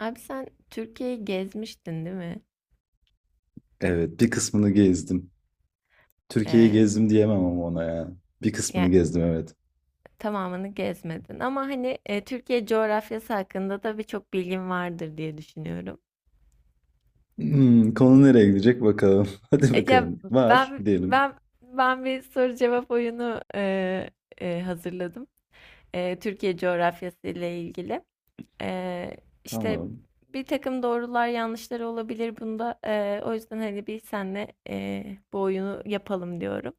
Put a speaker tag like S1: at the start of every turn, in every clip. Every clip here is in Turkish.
S1: Abi sen Türkiye'yi gezmiştin değil mi?
S2: Evet, bir kısmını gezdim. Türkiye'yi
S1: Ee,
S2: gezdim diyemem ama ona ya. Bir kısmını
S1: Yani
S2: gezdim evet.
S1: tamamını gezmedin ama hani Türkiye coğrafyası hakkında da birçok bilgin vardır diye düşünüyorum.
S2: Konu nereye gidecek bakalım. Hadi
S1: E, ya
S2: bakalım. Var
S1: ben
S2: diyelim.
S1: ben ben bir soru cevap oyunu hazırladım. E, Türkiye coğrafyası ile ilgili. E, işte
S2: Tamam.
S1: Bir takım doğrular yanlışlar olabilir bunda. E, o yüzden hani bir senle bu oyunu yapalım diyorum.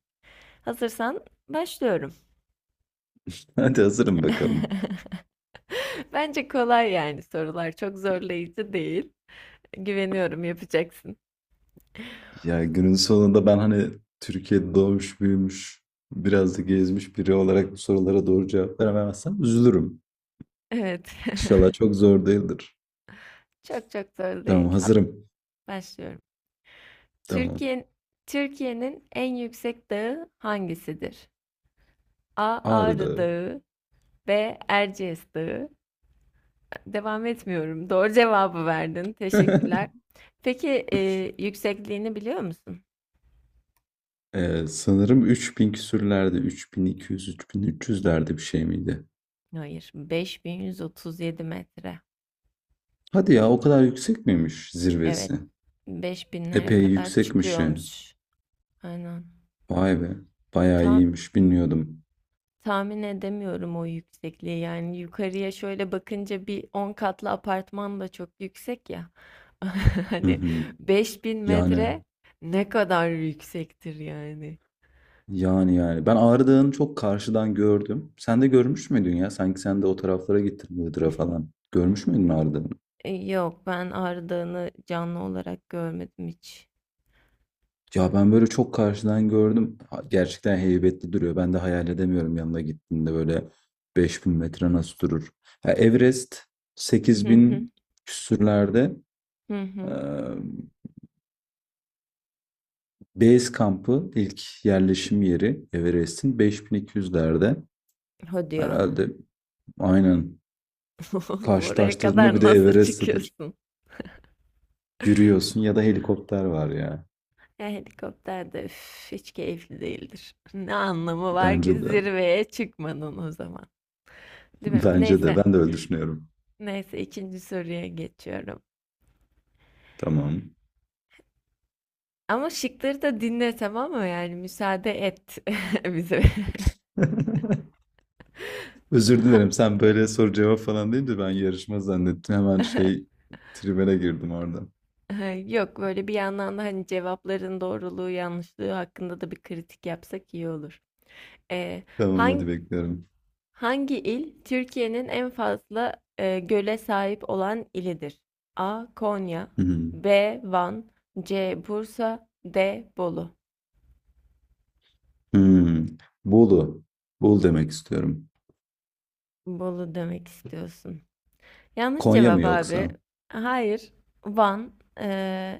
S1: Hazırsan başlıyorum.
S2: Hadi hazırım bakalım.
S1: Bence kolay yani sorular. Çok zorlayıcı değil. Güveniyorum yapacaksın.
S2: Ya günün sonunda ben hani Türkiye'de doğmuş büyümüş biraz da gezmiş biri olarak bu sorulara doğru cevap veremezsem üzülürüm.
S1: Evet.
S2: İnşallah çok zor değildir.
S1: Çok çok zor
S2: Tamam
S1: değil. At,
S2: hazırım.
S1: başlıyorum.
S2: Tamam.
S1: Türkiye, Türkiye'nin en yüksek dağı hangisidir? A. Ağrı
S2: Ağrı'da.
S1: Dağı. B. Erciyes Dağı. Devam etmiyorum. Doğru cevabı verdin. Teşekkürler. Peki yüksekliğini biliyor musun?
S2: Sanırım 3000 küsürlerde 3200-3300'lerde bir şey miydi?
S1: Hayır. 5137 metre.
S2: Hadi ya o kadar yüksek miymiş
S1: Evet,
S2: zirvesi?
S1: beş binlere
S2: Epey
S1: kadar
S2: yüksekmiş ya.
S1: çıkıyormuş. Aynen.
S2: Vay be. Bayağı
S1: Ta-
S2: iyiymiş bilmiyordum.
S1: tahmin edemiyorum o yüksekliği. Yani yukarıya şöyle bakınca bir 10 katlı apartman da çok yüksek ya.
S2: Hı
S1: Hani
S2: hı.
S1: 5000
S2: Yani
S1: metre ne kadar yüksektir yani.
S2: yani yani. Ben Ağrı Dağı'nı çok karşıdan gördüm. Sen de görmüş müydün ya? Sanki sen de o taraflara gittin Iğdır'a falan. Görmüş müydün Ağrı Dağı'nı?
S1: Yok, ben Ağrı Dağı'nı canlı olarak görmedim hiç.
S2: Ya ben böyle çok karşıdan gördüm. Gerçekten heybetli duruyor. Ben de hayal edemiyorum yanına gittiğinde böyle 5.000 metre nasıl durur. Ha, Everest
S1: Hı
S2: sekiz
S1: hı
S2: bin küsürlerde.
S1: hı. Hı.
S2: Base kampı ilk yerleşim yeri Everest'in 5200'lerde.
S1: Hadi ya.
S2: Herhalde aynen
S1: Oraya
S2: karşılaştırdığında bir
S1: kadar
S2: de
S1: nasıl
S2: Everest'te de
S1: çıkıyorsun?
S2: yürüyorsun ya da helikopter var ya.
S1: Ya helikopter de üf, hiç keyifli değildir. Ne anlamı var
S2: Bence
S1: ki
S2: de.
S1: zirveye çıkmanın o zaman. Değil mi?
S2: Bence de.
S1: Neyse.
S2: Ben de öyle düşünüyorum.
S1: Neyse ikinci soruya geçiyorum.
S2: Tamam.
S1: Ama şıkları da dinle tamam mı? Yani müsaade et bize.
S2: Özür
S1: Ha-
S2: dilerim. Sen böyle soru cevap falan deyince ben yarışma zannettim. Hemen şey tribüne girdim orada.
S1: ha, Yok böyle bir yandan da hani cevapların doğruluğu yanlışlığı hakkında da bir kritik yapsak iyi olur. Ee,
S2: Tamam hadi
S1: hangi
S2: bekliyorum.
S1: Hangi il Türkiye'nin en fazla göle sahip olan ilidir? A. Konya.
S2: Hmm.
S1: B. Van. C. Bursa. D. Bolu.
S2: Hmm. Bolu. Bolu demek istiyorum.
S1: Bolu demek istiyorsun. Yanlış
S2: Konya mı
S1: cevap abi.
S2: yoksa?
S1: Hayır. Van e,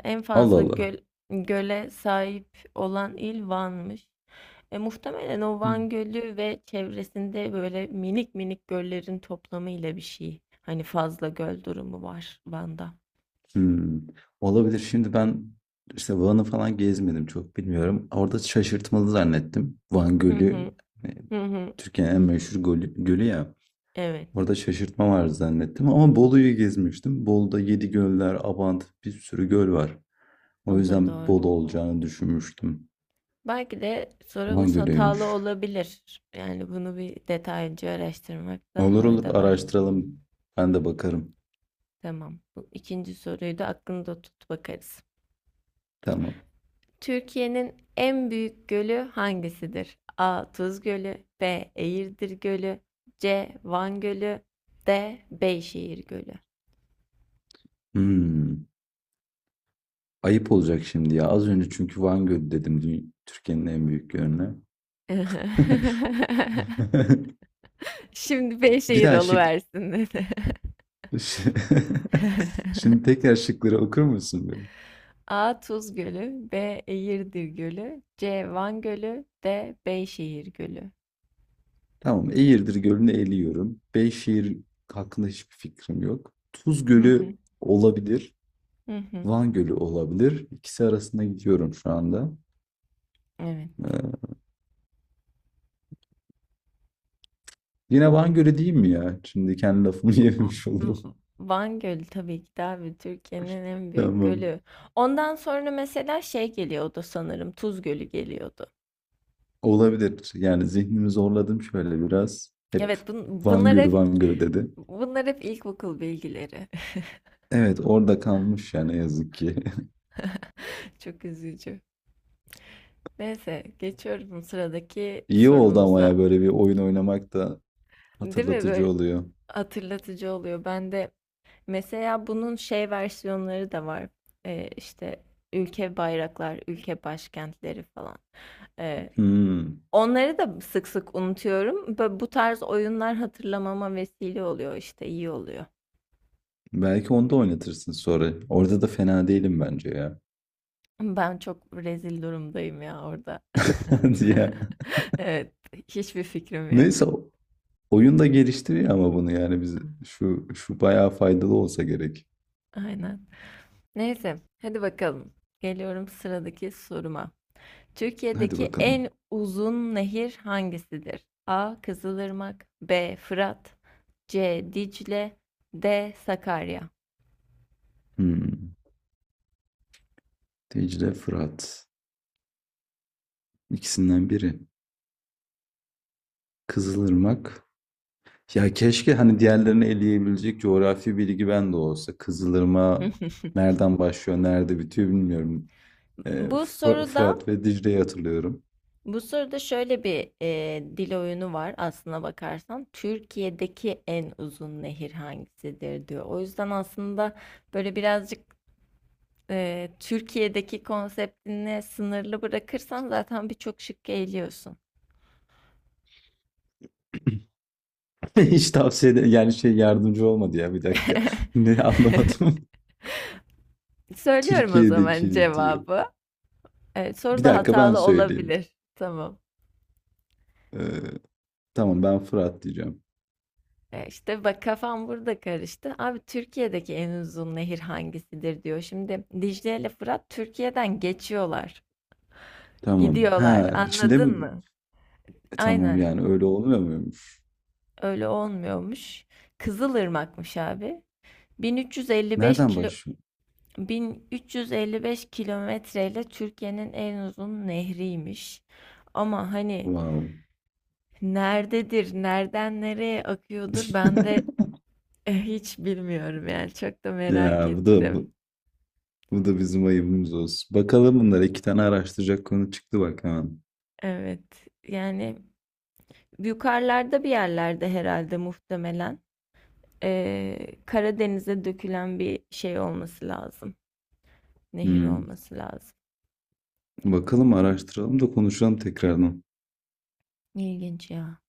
S1: en
S2: Allah
S1: fazla
S2: Allah.
S1: göl, göle sahip olan il Van'mış. E, muhtemelen o Van Gölü ve çevresinde böyle minik minik göllerin toplamıyla bir şey. Hani fazla göl durumu var Van'da.
S2: Hımm. Olabilir. Şimdi ben, işte, Van'ı falan gezmedim, çok bilmiyorum. Orada şaşırtmalı zannettim. Van
S1: Hı hı.
S2: Gölü, eee,
S1: Hı hı.
S2: Türkiye'nin en meşhur gölü ya.
S1: Evet,
S2: Orada şaşırtma var zannettim ama Bolu'yu gezmiştim. Bolu'da Yedi göller Abant bir sürü göl var. O
S1: o da
S2: yüzden
S1: doğru.
S2: Bolu olacağını düşünmüştüm.
S1: Belki de
S2: Van
S1: sorumuz hatalı
S2: Gölü'ymüş.
S1: olabilir. Yani bunu bir detaylıca araştırmakta
S2: Olur olur,
S1: fayda var.
S2: araştıralım. Ben de bakarım.
S1: Tamam. Bu ikinci soruyu da aklında tut bakarız.
S2: Tamam.
S1: Türkiye'nin en büyük gölü hangisidir? A. Tuz Gölü, B. Eğirdir Gölü, C. Van Gölü, D. Beyşehir Gölü.
S2: Hımm. Ayıp olacak şimdi ya. Az önce çünkü Van Gölü dedim Türkiye'nin en büyük gölüne.
S1: Şimdi
S2: Bir
S1: Beyşehir
S2: daha şık.
S1: oluversin dedi.
S2: Şimdi tekrar şıkları okur musun böyle?
S1: A. Tuz Gölü. B. Eğirdir Gölü. C. Van Gölü. D. Beyşehir Gölü.
S2: Tamam. Eğirdir Gölü'nü eliyorum. Beyşehir hakkında hiçbir fikrim yok. Tuz
S1: Hı hı,
S2: Gölü olabilir.
S1: hı hı.
S2: Van Gölü olabilir. İkisi arasında gidiyorum şu anda.
S1: Evet.
S2: Ee, yine Van Gölü değil mi ya? Şimdi kendi lafımı
S1: V-
S2: yememiş olurum.
S1: V- Van Gölü tabii ki de abi Türkiye'nin en büyük
S2: Tamam.
S1: gölü. Ondan sonra mesela şey geliyordu sanırım Tuz Gölü geliyordu.
S2: Olabilir. Yani zihnimi zorladım şöyle biraz. Hep
S1: Evet,
S2: Van Gölü Van Gölü dedi.
S1: bunlar hep ilkokul bilgileri.
S2: Evet, orada kalmış yani ne yazık ki.
S1: Çok üzücü. Neyse geçiyorum sıradaki
S2: İyi oldu ama
S1: sorumuza.
S2: ya böyle bir oyun oynamak da
S1: Değil mi
S2: hatırlatıcı
S1: böyle
S2: oluyor.
S1: hatırlatıcı oluyor. Ben de mesela bunun şey versiyonları da var. Ee, işte Ülke bayraklar, ülke başkentleri falan. Ee,
S2: Hmm.
S1: Onları da sık sık unutuyorum. Ve bu tarz oyunlar hatırlamama vesile oluyor işte iyi oluyor.
S2: Belki onda oynatırsın sonra. Orada da fena değilim bence ya.
S1: Ben çok rezil durumdayım ya orada.
S2: Diye.
S1: Evet, hiçbir fikrim yok.
S2: Neyse oyun da geliştiriyor ama bunu yani biz şu bayağı faydalı olsa gerek.
S1: Aynen. Neyse, hadi bakalım. Geliyorum sıradaki soruma.
S2: Hadi
S1: Türkiye'deki
S2: bakalım.
S1: en uzun nehir hangisidir? A. Kızılırmak. B. Fırat. C. Dicle. D. Sakarya.
S2: Hmm. Dicle Fırat. İkisinden biri. Kızılırmak. Ya keşke hani diğerlerini eleyebilecek coğrafi bilgi bende olsa. Kızılırmak nereden başlıyor, nerede bitiyor bilmiyorum. Ee,
S1: Bu soruda
S2: Fırat ve Dicle'yi hatırlıyorum.
S1: bu soruda şöyle bir dil oyunu var aslına bakarsan. Türkiye'deki en uzun nehir hangisidir diyor. O yüzden aslında böyle birazcık Türkiye'deki konseptini sınırlı bırakırsan zaten birçok şıkkı eliyorsun.
S2: Yani şey yardımcı olmadı ya bir dakika. Ne anlamadım.
S1: Söylüyorum o zaman
S2: Türkiye'deki diyor.
S1: cevabı. Evet, soru
S2: Bir
S1: da
S2: dakika ben
S1: hatalı
S2: söyleyeyim.
S1: olabilir. Tamam.
S2: Ee, tamam ben Fırat diyeceğim.
S1: İşte bak kafam burada karıştı. Abi Türkiye'deki en uzun nehir hangisidir diyor. Şimdi Dicle ile Fırat Türkiye'den geçiyorlar.
S2: Tamam.
S1: Gidiyorlar.
S2: Ha içinde
S1: Anladın
S2: mi?
S1: mı?
S2: E, tamam
S1: Aynen
S2: yani öyle olmuyor muymuş?
S1: öyle olmuyormuş. Kızılırmak'mış abi. 1355
S2: Nereden
S1: kilo
S2: başlıyor?
S1: 1355 kilometreyle Türkiye'nin en uzun nehriymiş. Ama hani
S2: Wow.
S1: nerededir, nereden nereye akıyordur ben de hiç bilmiyorum yani çok da merak
S2: Ya
S1: ettim.
S2: bu da bizim ayıbımız olsun. Bakalım bunlar iki tane araştıracak konu çıktı bak hemen.
S1: Evet yani yukarılarda bir yerlerde herhalde muhtemelen Karadeniz'e dökülen bir şey olması lazım. Nehir
S2: Hmm.
S1: olması lazım.
S2: Bakalım araştıralım da konuşalım tekrardan.
S1: İlginç ya.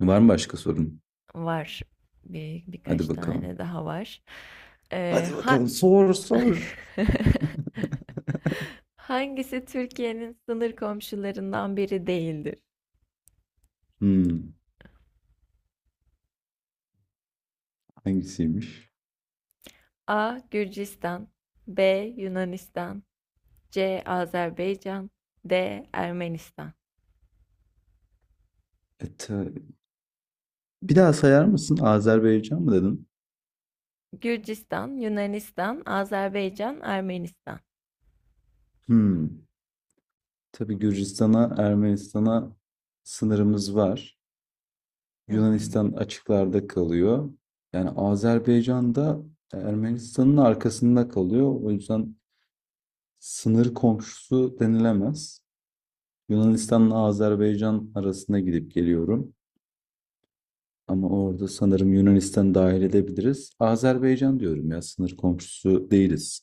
S2: Var mı başka sorun?
S1: Var, birkaç
S2: Hadi bakalım.
S1: tane daha var. Ee,
S2: Hadi
S1: ha
S2: bakalım sor sor.
S1: Hangisi Türkiye'nin sınır komşularından biri değildir?
S2: Hmm, hangisiymiş?
S1: A. Gürcistan. B. Yunanistan. C. Azerbaycan. D. Ermenistan.
S2: E, bir daha sayar mısın? Azerbaycan mı dedin?
S1: Gürcistan, Yunanistan, Azerbaycan, Ermenistan.
S2: Hmm. Tabii Gürcistan'a, Ermenistan'a sınırımız var.
S1: Hı hı.
S2: Yunanistan açıklarda kalıyor. Yani Azerbaycan da Ermenistan'ın arkasında kalıyor. O yüzden sınır komşusu denilemez. Yunanistan'la Azerbaycan arasında gidip geliyorum. Ama orada sanırım Yunanistan dahil edebiliriz. Azerbaycan diyorum ya sınır komşusu değiliz.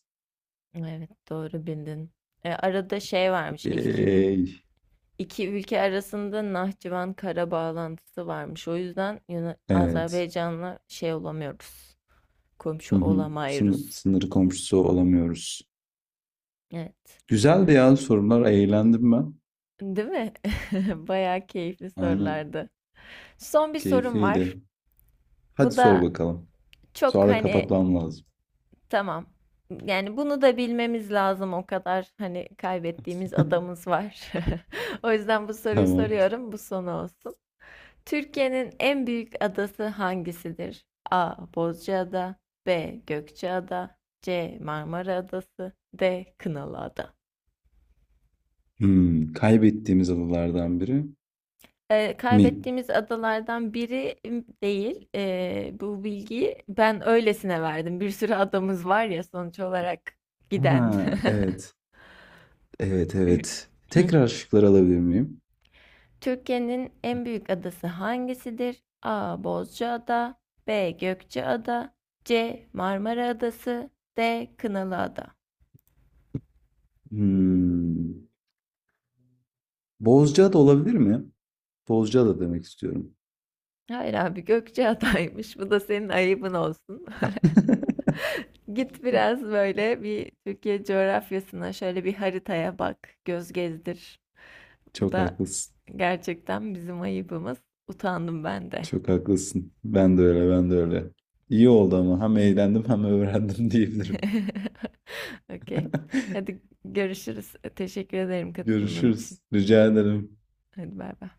S1: Evet, doğru bildin. E, arada şey varmış, ilk
S2: Ey,
S1: iki ülke arasında Nahçıvan kara bağlantısı varmış. O yüzden
S2: evet.
S1: Azerbaycan'la şey olamıyoruz,
S2: Hı
S1: komşu
S2: hı. Sınır,
S1: olamayırız.
S2: sınır komşusu olamıyoruz.
S1: Evet,
S2: Güzeldi ya sorular. Eğlendim ben.
S1: değil mi? Bayağı keyifli
S2: Aynen.
S1: sorulardı. Son bir sorum
S2: Keyifliydi.
S1: var.
S2: Hadi
S1: Bu
S2: sor
S1: da
S2: bakalım.
S1: çok
S2: Sonra
S1: hani
S2: kapatmam lazım.
S1: tamam. Yani bunu da bilmemiz lazım o kadar hani kaybettiğimiz adamız var. O yüzden bu soruyu
S2: Tamam.
S1: soruyorum. Bu son olsun. Türkiye'nin en büyük adası hangisidir? A. Bozcaada. B. Gökçeada. C. Marmara Adası. D. Kınalıada.
S2: Kaybettiğimiz adalardan biri mi?
S1: Kaybettiğimiz adalardan biri değil. Bu bilgiyi ben öylesine verdim. Bir sürü adamız var ya sonuç olarak giden.
S2: Ha, evet. Evet, evet. Tekrar şıkları alabilir miyim?
S1: Türkiye'nin en büyük adası hangisidir? A. Bozcaada. B. Gökçeada. C. Marmara Adası. D. Kınalıada.
S2: Hmm. Bozcaada olabilir mi? Bozcaada demek istiyorum.
S1: Hayır abi Gökçeada'ymış. Bu da senin ayıbın olsun. Git biraz böyle bir Türkiye coğrafyasına şöyle bir haritaya bak, göz gezdir. Bu
S2: Çok
S1: da
S2: haklısın.
S1: gerçekten bizim ayıbımız. Utandım ben de.
S2: Çok haklısın. Ben de öyle, ben de öyle. İyi oldu ama hem eğlendim hem öğrendim diyebilirim.
S1: Okey. Hadi görüşürüz. Teşekkür ederim katılımın için.
S2: Görüşürüz. Rica ederim.
S1: Hadi bay bay.